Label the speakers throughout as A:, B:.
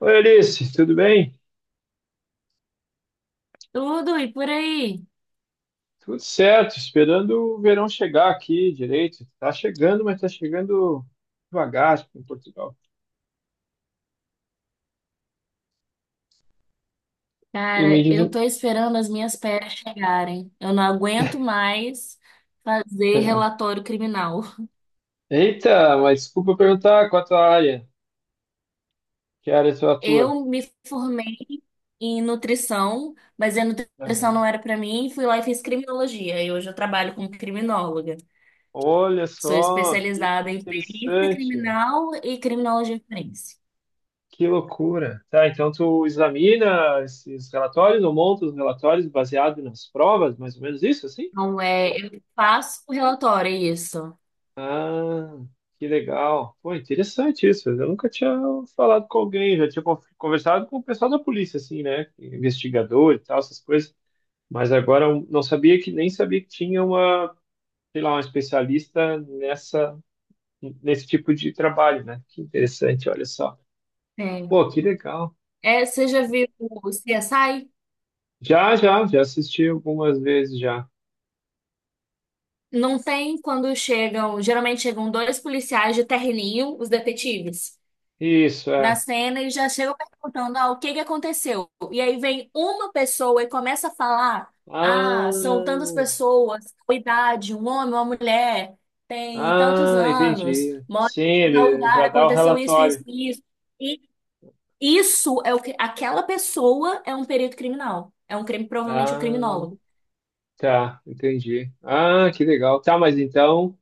A: Oi, Alice, tudo bem?
B: Tudo e por aí.
A: Tudo certo, esperando o verão chegar aqui direito. Tá chegando, mas tá chegando devagar tipo, em Portugal. E me
B: Cara,
A: diz,
B: eu tô esperando as minhas férias chegarem. Eu não aguento mais fazer
A: é.
B: relatório criminal.
A: Eita, mas desculpa perguntar qual a tua área, que área tu atua?
B: Eu me formei em nutrição, mas a nutrição não
A: Aham.
B: era pra mim, fui lá e fiz criminologia. E hoje eu trabalho como criminóloga.
A: Olha
B: Sou
A: só, que
B: especializada em perícia
A: interessante,
B: criminal e criminologia forense.
A: que loucura. Tá, então tu examina esses relatórios ou monta os relatórios baseado nas provas, mais ou menos isso, assim?
B: Então, eu faço relatório, é isso.
A: Ah, que legal. Pô, interessante isso. Eu nunca tinha falado com alguém, já tinha conversado com o pessoal da polícia, assim, né? Investigador e tal, essas coisas. Mas agora eu não sabia que nem sabia que tinha uma, sei lá, uma especialista nessa, nesse tipo de trabalho, né? Que interessante, olha só.
B: É.
A: Pô, que legal.
B: É, você já viu o CSI?
A: Já, já, já assisti algumas vezes já.
B: Não tem quando chegam, geralmente chegam dois policiais de terninho, os detetives,
A: Isso,
B: na
A: é.
B: cena e já chegam perguntando, ah, o que que aconteceu? E aí vem uma pessoa e começa a falar, ah,
A: Ah,
B: são tantas pessoas, tal idade, um homem, uma mulher, tem tantos
A: ah,
B: anos,
A: entendi.
B: mora
A: Sim,
B: em tal
A: ele
B: lugar,
A: já dá o
B: aconteceu isso, isso,
A: relatório.
B: isso. E isso é o que, aquela pessoa é um perito criminal, é um crime, provavelmente um
A: Ah.
B: criminólogo.
A: Tá, entendi. Ah, que legal. Tá, mas então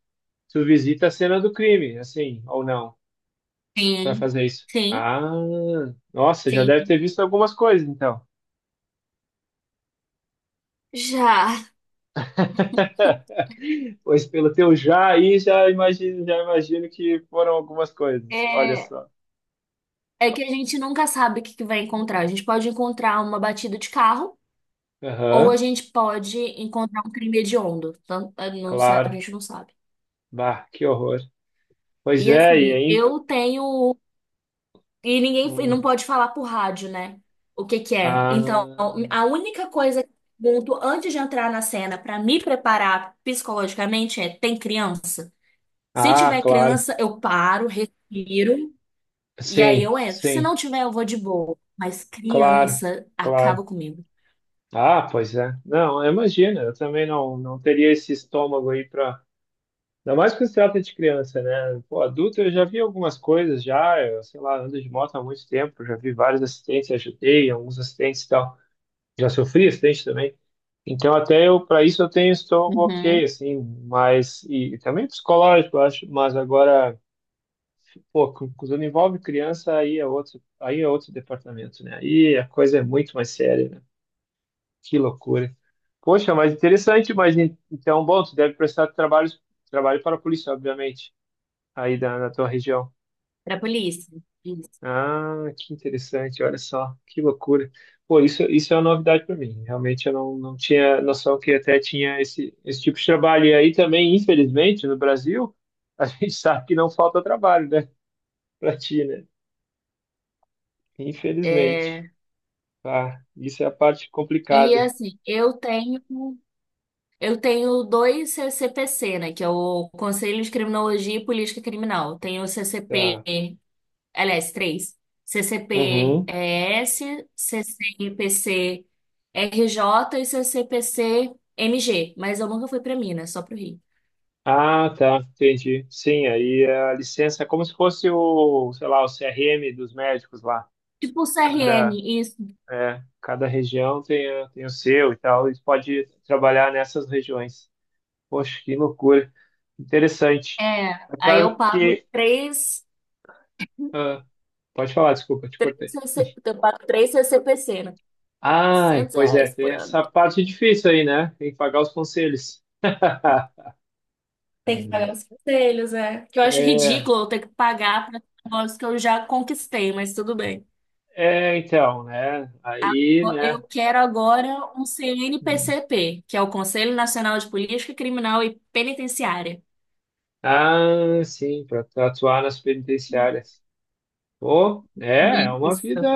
A: tu visita a cena do crime, assim, ou não, para
B: Sim,
A: fazer isso.
B: sim,
A: Ah, nossa, já deve
B: sim.
A: ter visto algumas coisas, então.
B: Já.
A: Pois pelo teu já aí, já imagino que foram algumas coisas. Olha
B: É,
A: só.
B: É que a gente nunca sabe o que que vai encontrar. A gente pode encontrar uma batida de carro ou a
A: Aham,
B: gente pode encontrar um crime hediondo. Não sabe, a
A: claro.
B: gente não sabe.
A: Bah, que horror. Pois
B: E
A: é, e
B: assim,
A: aí?
B: eu tenho. E ninguém e não
A: Hum,
B: pode falar por rádio, né? O que que é. Então,
A: ah,
B: a única coisa que eu pergunto antes de entrar na cena para me preparar psicologicamente é: tem criança? Se
A: ah,
B: tiver
A: claro.
B: criança, eu paro, respiro e aí
A: Sim,
B: eu entro. Se
A: sim,
B: não tiver, eu vou de boa. Mas
A: claro,
B: criança acaba
A: claro.
B: comigo.
A: Ah, pois é. Não, imagina, eu também não, não teria esse estômago aí para. Ainda mais quando se trata de criança, né? Pô, adulto eu já vi algumas coisas já, eu, sei lá, ando de moto há muito tempo, já vi vários acidentes, ajudei, alguns acidentes e tal. Já sofri acidente também. Então até eu, para isso eu tenho estômago
B: Uhum.
A: ok, assim, mas e também psicológico, eu acho, mas agora, pô, quando envolve criança aí é outro departamento, né? Aí a coisa é muito mais séria, né? Que loucura. Poxa, mas interessante, mas então, bom, tu deve prestar trabalho para a polícia, obviamente, aí da, na tua região.
B: Pra polícia. Isso.
A: Ah, que interessante, olha só, que loucura. Pô, isso é uma novidade para mim. Realmente eu não, não tinha noção que até tinha esse tipo de trabalho. E aí também, infelizmente, no Brasil, a gente sabe que não falta trabalho, né? Para ti, né? Infelizmente.
B: É,
A: Tá, isso é a parte
B: e
A: complicada.
B: assim, eu tenho dois CCPC, né? Que é o Conselho de Criminologia e Política Criminal. Tenho o CCP,
A: Tá.
B: aliás, três.
A: Uhum.
B: CCP-ES, CCPC RJ e CCPC MG. Mas eu nunca fui pra Minas, só pro Rio.
A: Ah, tá, entendi. Sim, aí é a licença é como se fosse o, sei lá, o CRM dos médicos lá.
B: Tipo o CRM,
A: Cada,
B: isso.
A: cada região tem, a- tem o seu e tal. Eles podem trabalhar nessas regiões. Poxa, que loucura. Interessante.
B: É,
A: Mas
B: aí
A: Sabe
B: eu
A: que.
B: pago três,
A: Ah, pode falar, desculpa, eu te cortei.
B: três, CC eu pago três CCPC, né?
A: Ai,
B: 100
A: pois é,
B: reais
A: tem
B: por ano.
A: essa parte difícil aí, né? Tem que pagar os conselhos.
B: Tem que pagar os conselhos, é. Que eu acho
A: É,
B: ridículo eu ter que pagar para negócios que eu já conquistei, mas tudo bem.
A: é, então, né? Aí,
B: Eu
A: né?
B: quero agora um CNPCP, que é o Conselho Nacional de Política Criminal e Penitenciária.
A: Ah, sim, para atuar nas penitenciárias. Pô, é, é
B: Isso.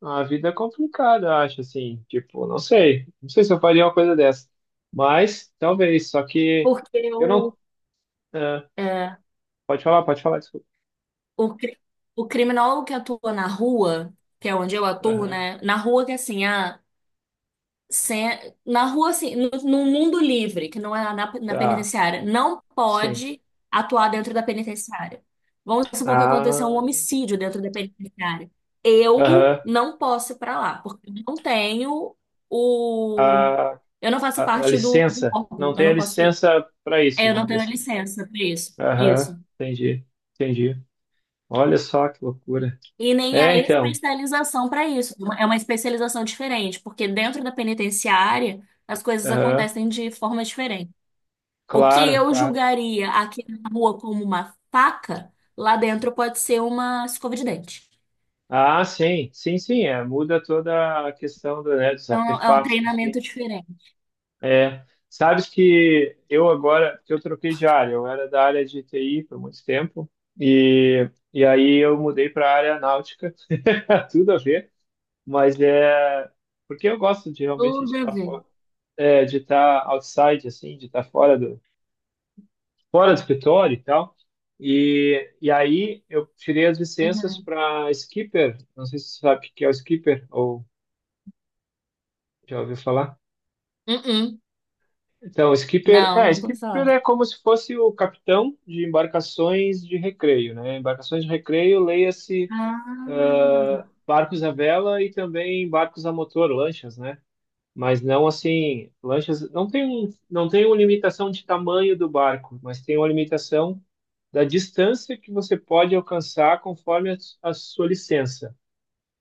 A: uma vida complicada, acho assim. Tipo, não sei, não sei se eu faria uma coisa dessa, mas talvez. Só que
B: Porque
A: eu não. Ah,
B: é,
A: pode falar, desculpa.
B: o, cri- o criminólogo que atua na rua, que é onde eu atuo,
A: Aham,
B: né? Na rua que é assim, na rua, assim, no mundo livre, que não é na
A: tá,
B: penitenciária, não
A: sim.
B: pode atuar dentro da penitenciária. Vamos supor que aconteceu um
A: Ah,
B: homicídio dentro da penitenciária. Eu
A: aham,
B: não posso ir para lá, porque eu não tenho o.
A: a,
B: Eu não faço
A: a
B: parte do
A: licença.
B: órgão,
A: Não
B: eu
A: tem a
B: não posso ir.
A: licença para
B: É,
A: isso,
B: eu não
A: vamos dizer
B: tenho
A: assim.
B: licença para isso.
A: Aham,
B: Isso.
A: entendi, entendi. Olha só que loucura.
B: E nem a
A: É, então.
B: especialização para isso. É uma especialização diferente, porque dentro da penitenciária as coisas
A: Aham,
B: acontecem de forma diferente. O que
A: claro,
B: eu
A: claro.
B: julgaria aqui na rua como uma faca, lá dentro pode ser uma escova de dente.
A: Ah, sim, sim, sim, é, muda toda a questão do, né, dos
B: Então é um
A: artefatos, enfim.
B: treinamento diferente.
A: É, sabes que eu agora, que eu troquei de área, eu era da área de TI por muito tempo, e aí eu mudei para a área náutica, tudo a ver, mas é porque eu gosto de realmente
B: Tudo
A: de
B: a
A: estar
B: ver.
A: fora, é, de estar outside, assim, de estar fora do escritório e tal. E aí eu tirei as licenças
B: Uhum.
A: para skipper, não sei se você sabe o que é o skipper, ou já ouviu falar?
B: Uh-uh.
A: Então,
B: Não, nunca ouvi falar.
A: skipper é como se fosse o capitão de embarcações de recreio, né? Embarcações de recreio, leia-se ah,
B: Ah,
A: barcos à vela e também barcos a motor, lanchas, né? Mas não assim, lanchas não tem um, não tem uma limitação de tamanho do barco, mas tem uma limitação da distância que você pode alcançar conforme a sua licença.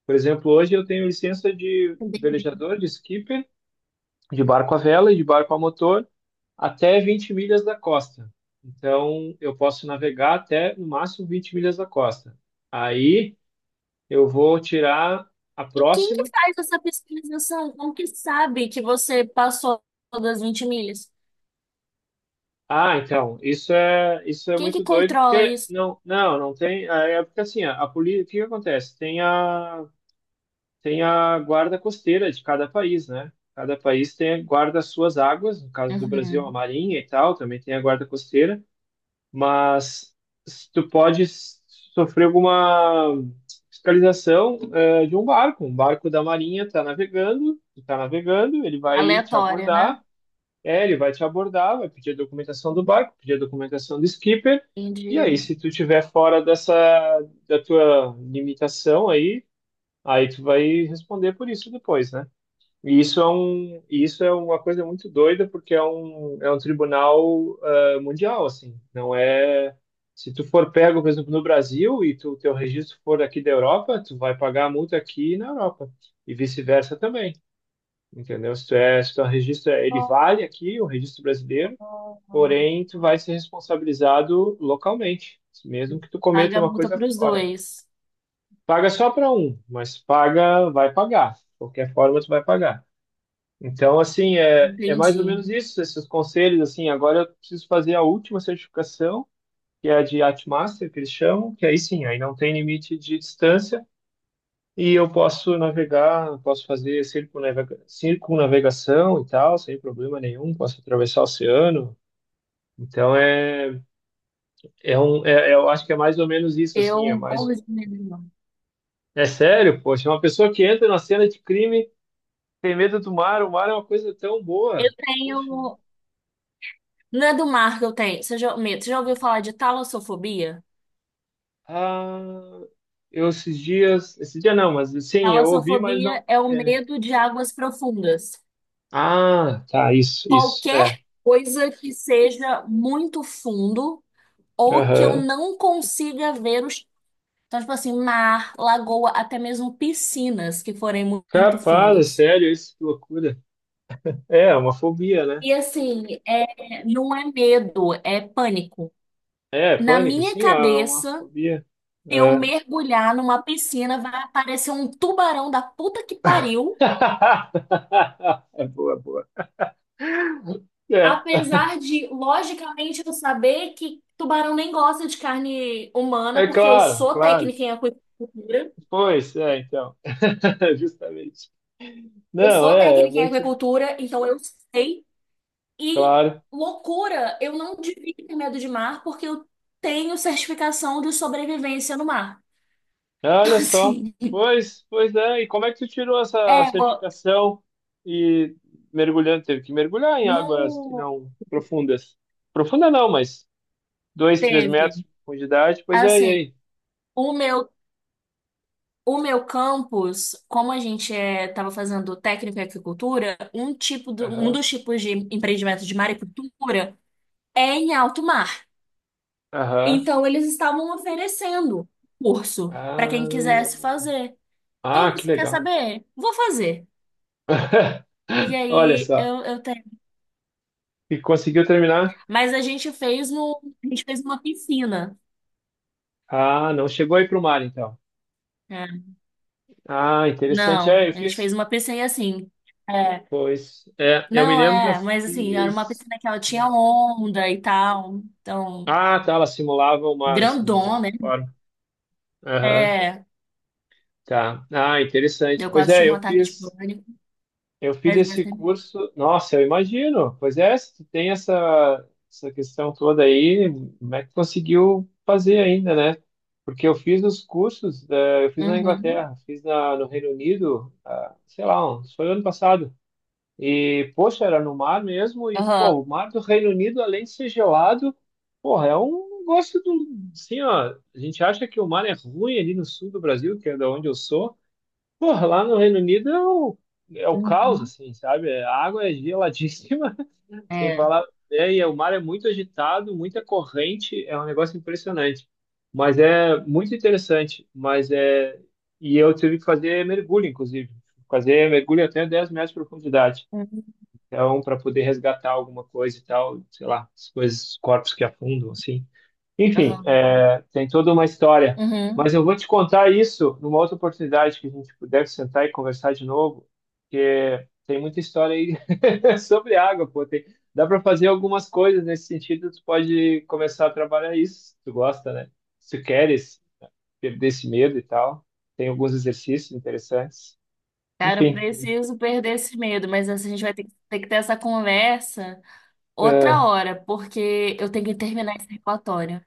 A: Por exemplo, hoje eu tenho licença de
B: entendi.
A: velejador, de skipper, de barco à vela e de barco a motor. Até 20 milhas da costa. Então, eu posso navegar até no máximo 20 milhas da costa. Aí eu vou tirar a
B: E quem que
A: próxima.
B: faz essa pesquisização? Como que sabe que você passou das 20 milhas?
A: Ah, então, isso é
B: Quem que
A: muito doido,
B: controla
A: porque
B: isso?
A: não, não, não tem, é porque assim, a polícia, o que que acontece? Tem a tem a guarda costeira de cada país, né? Cada país tem guarda as suas águas, no caso do Brasil, a
B: Uhum.
A: Marinha e tal, também tem a guarda costeira. Mas tu pode sofrer alguma fiscalização de um barco. Um barco da Marinha está navegando, ele vai te
B: Aleatória, né?
A: abordar, é, ele vai te abordar, vai pedir a documentação do barco, pedir a documentação do skipper, e
B: Entendi.
A: aí, se tu tiver fora dessa, da tua limitação aí, aí tu vai responder por isso depois, né? E isso é um, isso é uma coisa muito doida, porque é um tribunal ah, mundial, assim. Não é. Se tu for pego, por exemplo, no Brasil e tu, teu registro for aqui da Europa, tu vai pagar a multa aqui na Europa. E vice-versa também, entendeu? Se tu é, se teu registro, é- ele
B: Oh,
A: vale aqui, o registro brasileiro,
B: oh, oh,
A: porém tu
B: oh.
A: vai ser responsabilizado localmente, mesmo que tu
B: Paga
A: cometa
B: a
A: uma
B: multa
A: coisa
B: para os
A: fora.
B: dois.
A: Paga só para um, mas paga, vai pagar. De qualquer forma, tu vai pagar. Então, assim, é, é mais ou
B: Entendi.
A: menos isso, esses conselhos, assim, agora eu preciso fazer a última certificação, que é a de Yachtmaster, que eles chamam, que aí sim, aí não tem limite de distância, e eu posso navegar, posso fazer circunnavegação e tal, sem problema nenhum, posso atravessar o oceano, então é, é um, é, eu acho que é mais ou menos isso, assim, é
B: Eu
A: mais,
B: morro de medo de mar.
A: é sério, poxa, uma pessoa que entra na cena de crime tem medo do mar, o mar é uma coisa tão
B: Eu
A: boa, poxa,
B: tenho. Não é do mar que eu tenho. Você já, medo. Você já ouviu falar de talassofobia?
A: ah... Eu esses dias, esse dia não, mas sim, eu ouvi, mas
B: Talassofobia
A: não.
B: é o
A: É.
B: medo de águas profundas.
A: Ah, tá, isso,
B: Qualquer
A: é.
B: coisa que seja muito fundo ou que eu
A: Aham.
B: não consiga ver os. Então, tipo assim, mar, lagoa, até mesmo piscinas que forem muito
A: Capaz, é
B: fundas.
A: sério, isso, que loucura. É, é uma fobia, né?
B: E assim, é, não é medo, é pânico.
A: É,
B: Na
A: pânico,
B: minha
A: sim, é uma
B: cabeça.
A: fobia.
B: Se eu
A: É.
B: mergulhar numa piscina, vai aparecer um tubarão da puta que pariu.
A: É boa, boa. É,
B: Apesar de, logicamente, eu saber que tubarão nem gosta de carne humana,
A: é
B: porque eu
A: claro,
B: sou
A: claro.
B: técnica em aquicultura.
A: Pois, é, então. Justamente.
B: Eu
A: Não,
B: sou
A: é, é
B: técnica em
A: muito
B: aquicultura, então eu sei. E
A: claro.
B: loucura, eu não devia ter medo de mar, porque eu tenho certificação de sobrevivência no mar. Então,
A: Olha só.
B: assim,
A: Pois, pois é. E como é que tu tirou essa
B: é,
A: certificação e mergulhando, teve que mergulhar em águas que
B: no,
A: não profundas? Profunda não, mas dois, três
B: teve.
A: metros de profundidade. Pois é, e
B: Assim,
A: aí?
B: o meu O meu campus, como a gente estava fazendo técnico em agricultura, um tipo do, um
A: Aham,
B: dos tipos de empreendimento de maricultura é em alto mar.
A: aham.
B: Então eles estavam oferecendo curso para quem quisesse fazer. E
A: Ah,
B: eu
A: ah, que
B: disse, quer
A: legal.
B: saber? Vou fazer. E
A: Olha
B: aí
A: só.
B: eu tenho.
A: E conseguiu terminar?
B: Mas a gente fez uma piscina.
A: Ah, não chegou aí para o mar, então.
B: É.
A: Ah, interessante.
B: Não,
A: É, eu
B: a gente fez
A: fiz.
B: uma piscina assim. É,
A: Pois, é, eu me
B: não
A: lembro que eu
B: é, mas assim, era uma
A: fiz.
B: piscina que ela tinha onda e tal. Então
A: Ah, tá, ela simulava o mar, assim, de
B: Grandona,
A: alguma
B: né?
A: forma. Aham,
B: É,
A: tá. Ah, interessante.
B: eu
A: Pois
B: quase tive
A: é,
B: um
A: eu
B: ataque de
A: fiz,
B: pânico,
A: eu fiz
B: mas mais
A: esse
B: tempo.
A: curso. Nossa, eu imagino. Pois é, se tu tem essa, essa questão toda aí, como é que tu conseguiu fazer ainda, né? Porque eu fiz os cursos, eu fiz na
B: Uhum.
A: Inglaterra, fiz na, no Reino Unido, ah, sei lá, uns- foi ano passado. E, poxa, era no mar mesmo. E,
B: Aham.
A: pô, o mar do Reino Unido, além de ser gelado, porra, é um negócio do. Assim, ó, a gente acha que o mar é ruim ali no sul do Brasil, que é da onde eu sou. Porra, lá no Reino Unido é o, caos,
B: Uhum.
A: assim, sabe? A água é geladíssima, sem
B: É.
A: falar. É, e o mar é muito agitado, muita corrente, é um negócio impressionante. Mas é muito interessante. Mas é. E eu tive que fazer mergulho, inclusive. Fazer mergulho até 10 metros de profundidade.
B: Uhum.
A: Então, para poder resgatar alguma coisa e tal, sei lá, as coisas, corpos que afundam, assim. Enfim,
B: Aham.
A: é, tem toda uma história.
B: Uhum.
A: Mas eu vou te contar isso numa outra oportunidade que a gente puder sentar e conversar de novo, porque tem muita história aí sobre água, pô. Tem, dá para fazer algumas coisas nesse sentido, tu pode começar a trabalhar isso, se tu gosta, né? Se tu queres perder esse medo e tal. Tem alguns exercícios interessantes.
B: Cara, eu
A: Enfim,
B: preciso perder esse medo, mas assim, a gente vai ter que ter essa conversa outra
A: é,
B: hora, porque eu tenho que terminar esse relatório.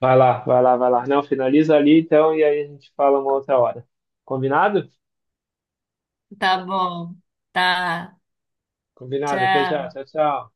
A: vai lá, vai lá, vai lá. Não, finaliza ali então e aí a gente fala uma outra hora. Combinado?
B: Tá bom. Tá.
A: Combinado. Até já.
B: Tchau.
A: Tchau, tchau.